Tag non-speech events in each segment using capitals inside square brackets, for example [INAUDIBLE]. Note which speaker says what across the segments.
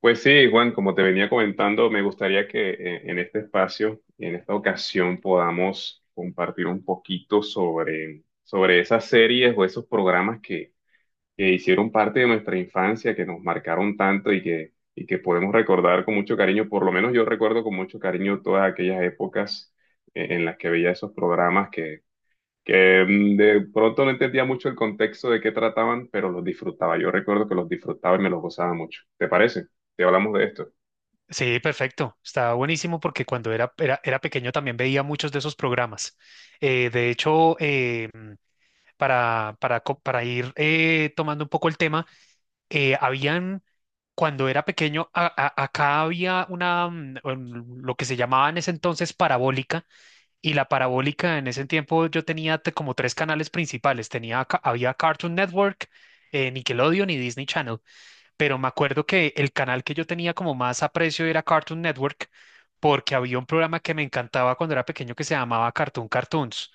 Speaker 1: Pues sí, Juan, como te venía comentando, me gustaría que en este espacio, en esta ocasión, podamos compartir un poquito sobre esas series o esos programas que hicieron parte de nuestra infancia, que nos marcaron tanto y que podemos recordar con mucho cariño. Por lo menos yo recuerdo con mucho cariño todas aquellas épocas en las que veía esos programas que de pronto no entendía mucho el contexto de qué trataban, pero los disfrutaba. Yo recuerdo que los disfrutaba y me los gozaba mucho. ¿Te parece? Si hablamos de esto.
Speaker 2: Sí, perfecto. Estaba buenísimo porque cuando era pequeño también veía muchos de esos programas. De hecho, para ir tomando un poco el tema, eh, habían, cuando era pequeño, acá había lo que se llamaba en ese entonces parabólica, y la parabólica en ese tiempo yo tenía como 3 canales principales. Había Cartoon Network, Nickelodeon y Disney Channel, pero me acuerdo que el canal que yo tenía como más aprecio era Cartoon Network, porque había un programa que me encantaba cuando era pequeño que se llamaba Cartoon Cartoons.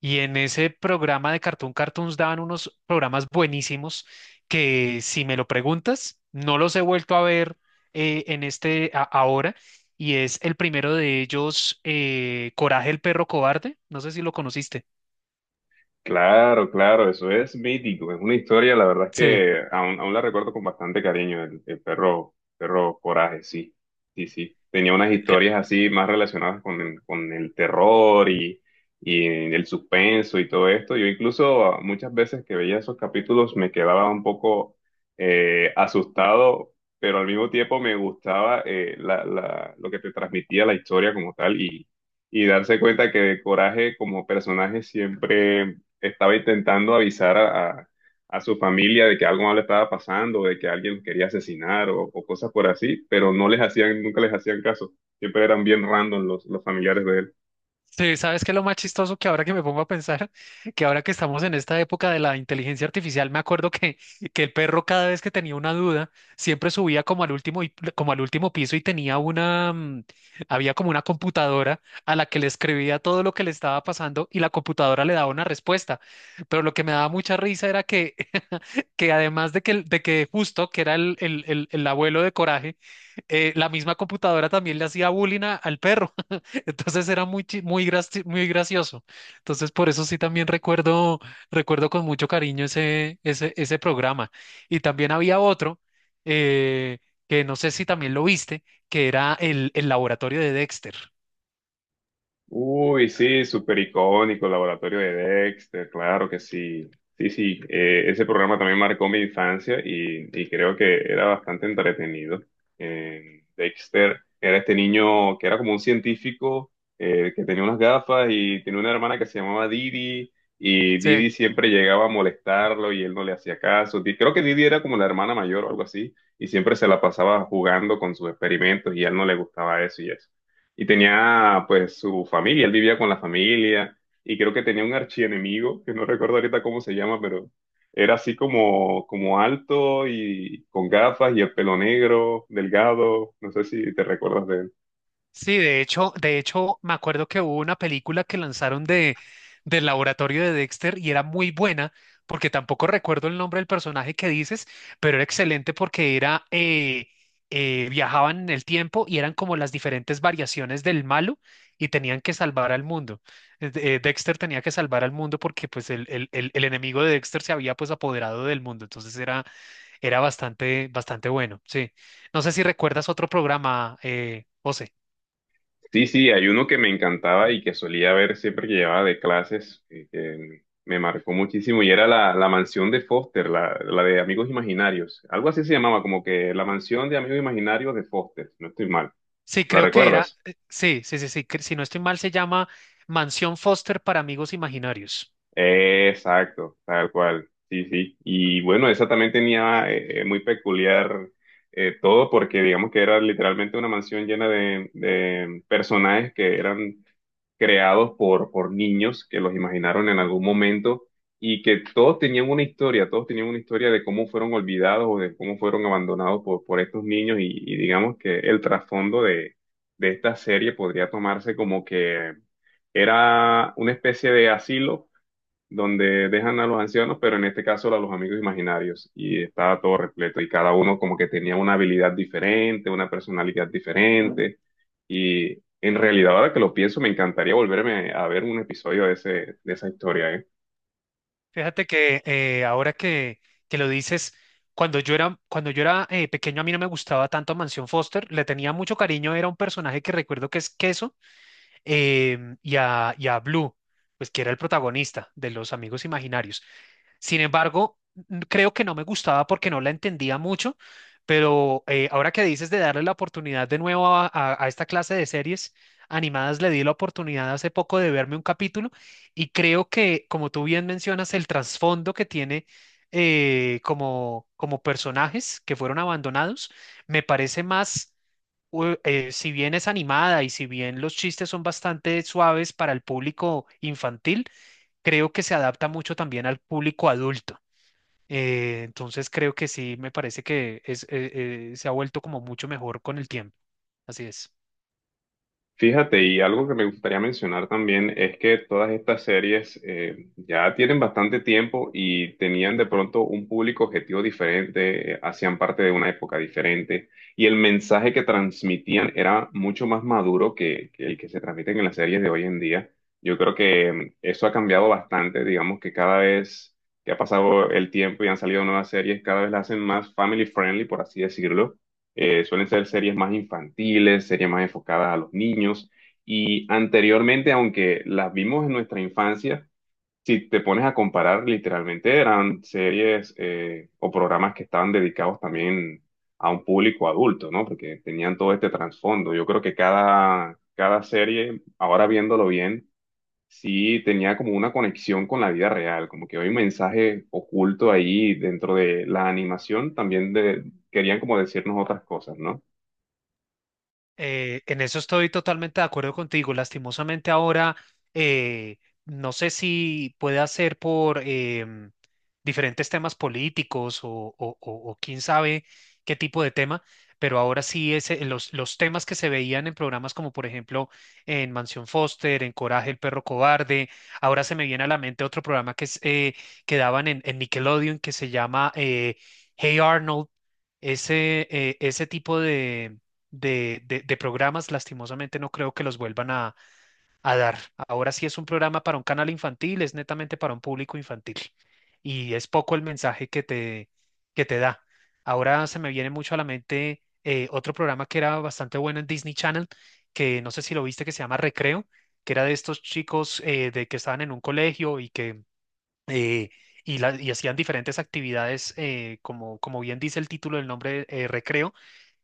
Speaker 2: Y en ese programa de Cartoon Cartoons daban unos programas buenísimos que, si me lo preguntas, no los he vuelto a ver en ahora. Y es el primero de ellos, Coraje el perro cobarde. No sé si lo conociste.
Speaker 1: Claro, claro, eso es mítico, es una historia, la verdad es
Speaker 2: Sí.
Speaker 1: que aún la recuerdo con bastante cariño, el perro, perro Coraje, sí, sí, sí. Tenía unas historias así más relacionadas con con el terror y el suspenso y todo esto. Yo incluso muchas veces que veía esos capítulos me quedaba un poco asustado, pero al mismo tiempo me gustaba lo que te transmitía la historia como tal y darse cuenta que Coraje como personaje siempre estaba intentando avisar a su familia de que algo malo estaba pasando, de que alguien los quería asesinar o cosas por así, pero no les hacían, nunca les hacían caso. Siempre eran bien random los familiares de él.
Speaker 2: Sí, ¿sabes qué es lo más chistoso que ahora que me pongo a pensar? [LAUGHS] Que ahora que estamos en esta época de la inteligencia artificial, me acuerdo que, [LAUGHS] que el perro cada vez que tenía una duda, siempre subía como al como al último piso y tenía había como una computadora a la que le escribía todo lo que le estaba pasando y la computadora le daba una respuesta. Pero lo que me daba mucha risa era que, [LAUGHS] que además de de que justo, que era el abuelo de Coraje, la misma computadora también le hacía bullying al perro. [LAUGHS] Entonces era muy gracioso. Entonces por eso sí también recuerdo, recuerdo con mucho cariño ese programa. Y también había otro eh, que no sé si también lo viste, que era el laboratorio de Dexter.
Speaker 1: Uy, sí, súper icónico, Laboratorio de Dexter, claro que sí. Sí, sí, ese programa también marcó mi infancia y creo que era bastante entretenido. Dexter era este niño que era como un científico que tenía unas gafas y tenía una hermana que se llamaba Didi y
Speaker 2: Sí.
Speaker 1: Didi siempre llegaba a molestarlo y él no le hacía caso. Creo que Didi era como la hermana mayor o algo así y siempre se la pasaba jugando con sus experimentos y a él no le gustaba eso y eso y tenía pues su familia, él vivía con la familia y creo que tenía un archienemigo, que no recuerdo ahorita cómo se llama, pero era así como, como alto y con gafas y el pelo negro, delgado, no sé si te recuerdas de él.
Speaker 2: Sí, de hecho, me acuerdo que hubo una película que lanzaron de del laboratorio de Dexter y era muy buena, porque tampoco recuerdo el nombre del personaje que dices, pero era excelente porque era viajaban en el tiempo y eran como las diferentes variaciones del malo y tenían que salvar al mundo. Dexter tenía que salvar al mundo porque pues el enemigo de Dexter se había pues apoderado del mundo, entonces era bastante, bastante bueno, sí. No sé si recuerdas otro programa, José.
Speaker 1: Sí, sí, hay uno que me encantaba y que solía ver siempre que llevaba de clases, que me marcó muchísimo y era la mansión de Foster, la de Amigos Imaginarios, algo así se llamaba, como que la mansión de Amigos Imaginarios de Foster, si no estoy mal,
Speaker 2: Sí,
Speaker 1: ¿la
Speaker 2: creo que era,
Speaker 1: recuerdas?
Speaker 2: que si no estoy mal se llama Mansión Foster para amigos imaginarios.
Speaker 1: Exacto, tal cual. Sí, sí. Y bueno, esa también tenía muy peculiar todo porque digamos que era literalmente una mansión llena de personajes que eran creados por niños que los imaginaron en algún momento y que todos tenían una historia, todos tenían una historia de cómo fueron olvidados o de cómo fueron abandonados por estos niños y digamos que el trasfondo de esta serie podría tomarse como que era una especie de asilo donde dejan a los ancianos, pero en este caso a los amigos imaginarios, y estaba todo repleto, y cada uno como que tenía una habilidad diferente, una personalidad diferente, y en realidad ahora que lo pienso, me encantaría volverme a ver un episodio de ese, de esa historia, ¿eh?
Speaker 2: Fíjate que ahora que lo dices, cuando yo era pequeño a mí no me gustaba tanto Mansión Foster, le tenía mucho cariño, era un personaje que recuerdo que es Queso, y a Blue, pues que era el protagonista de los amigos imaginarios. Sin embargo, creo que no me gustaba porque no la entendía mucho, pero ahora que dices de darle la oportunidad de nuevo a, a esta clase de series animadas, le di la oportunidad hace poco de verme un capítulo y creo que, como tú bien mencionas, el trasfondo que tiene como, como personajes que fueron abandonados, me parece más si bien es animada y si bien los chistes son bastante suaves para el público infantil, creo que se adapta mucho también al público adulto. Entonces creo que sí, me parece que es se ha vuelto como mucho mejor con el tiempo. Así es.
Speaker 1: Fíjate, y algo que me gustaría mencionar también es que todas estas series ya tienen bastante tiempo y tenían de pronto un público objetivo diferente, hacían parte de una época diferente y el mensaje que transmitían era mucho más maduro que el que se transmite en las series de hoy en día. Yo creo que eso ha cambiado bastante, digamos que cada vez que ha pasado el tiempo y han salido nuevas series, cada vez las hacen más family friendly, por así decirlo suelen ser series más infantiles, series más enfocadas a los niños. Y anteriormente, aunque las vimos en nuestra infancia, si te pones a comparar, literalmente eran series o programas que estaban dedicados también a un público adulto, ¿no? Porque tenían todo este trasfondo. Yo creo que cada serie, ahora viéndolo bien, sí tenía como una conexión con la vida real, como que hay un mensaje oculto ahí dentro de la animación, también de, querían como decirnos otras cosas, ¿no?
Speaker 2: En eso estoy totalmente de acuerdo contigo. Lastimosamente ahora, eh, no sé si puede ser por em, diferentes temas políticos o o quién sabe qué tipo de tema, pero ahora sí es, los temas que se veían en programas como por ejemplo en Mansión Foster, en Coraje, el perro cobarde. Ahora se me viene a la mente otro programa que daban en Nickelodeon que se llama Hey Arnold. Ese, ese tipo de, de programas, lastimosamente no creo que los vuelvan a dar. Ahora sí es un programa para un canal infantil, es netamente para un público infantil y es poco el mensaje que te da. Ahora se me viene mucho a la mente otro programa que era bastante bueno en Disney Channel, que no sé si lo viste, que se llama Recreo, que era de estos chicos de que estaban en un colegio eh, Y y hacían diferentes actividades, como, como bien dice el título del nombre, recreo,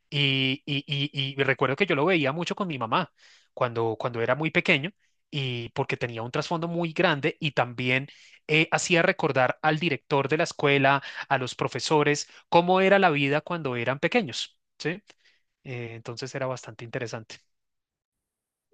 Speaker 2: y recuerdo que yo lo veía mucho con mi mamá cuando, cuando era muy pequeño y porque tenía un trasfondo muy grande y también hacía recordar al director de la escuela, a los profesores, cómo era la vida cuando eran pequeños, ¿sí? Entonces era bastante interesante.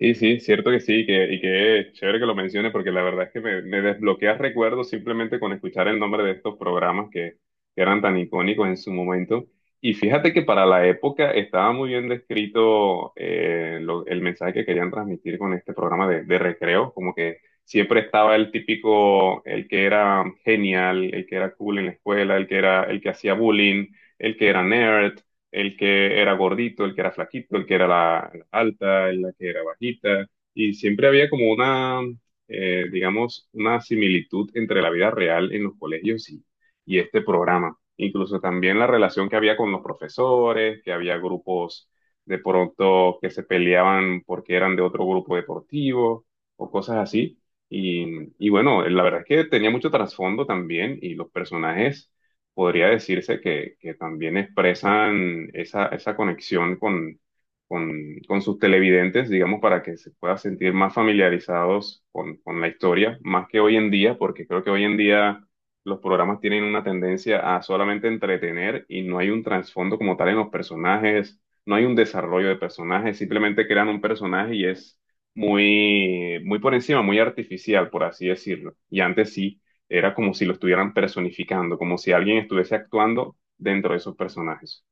Speaker 1: Y sí, cierto que sí, y que es chévere que lo menciones, porque la verdad es que me desbloqueas recuerdos simplemente con escuchar el nombre de estos programas que eran tan icónicos en su momento. Y fíjate que para la época estaba muy bien descrito el mensaje que querían transmitir con este programa de recreo, como que siempre estaba el típico, el que era genial, el que era cool en la escuela, el que era, el que hacía bullying, el que era nerd el que era gordito, el que era flaquito, el que era la alta, la que era bajita, y siempre había como digamos, una similitud entre la vida real en los colegios y este programa. Incluso también la relación que había con los profesores, que había grupos de pronto que se peleaban porque eran de otro grupo deportivo o cosas así. Y bueno, la verdad es que tenía mucho trasfondo también y los personajes podría decirse que también expresan esa, esa conexión con, con sus televidentes, digamos, para que se puedan sentir más familiarizados con la historia, más que hoy en día, porque creo que hoy en día los programas tienen una tendencia a solamente entretener y no hay un trasfondo como tal en los personajes, no hay un desarrollo de personajes, simplemente crean un personaje y es muy, muy por encima, muy artificial, por así decirlo. Y antes sí era como si lo estuvieran personificando, como si alguien estuviese actuando dentro de esos personajes.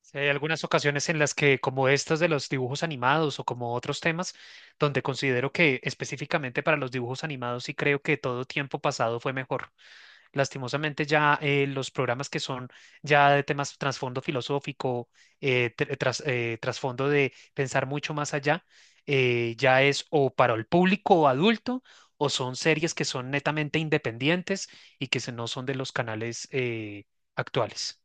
Speaker 2: Sí, hay algunas ocasiones en las que, como estas de los dibujos animados o como otros temas, donde considero que específicamente para los dibujos animados sí creo que todo tiempo pasado fue mejor. Lastimosamente ya los programas que son ya de temas trasfondo filosófico, trasfondo de pensar mucho más allá, ya es o para el público adulto o son series que son netamente independientes y que no son de los canales actuales.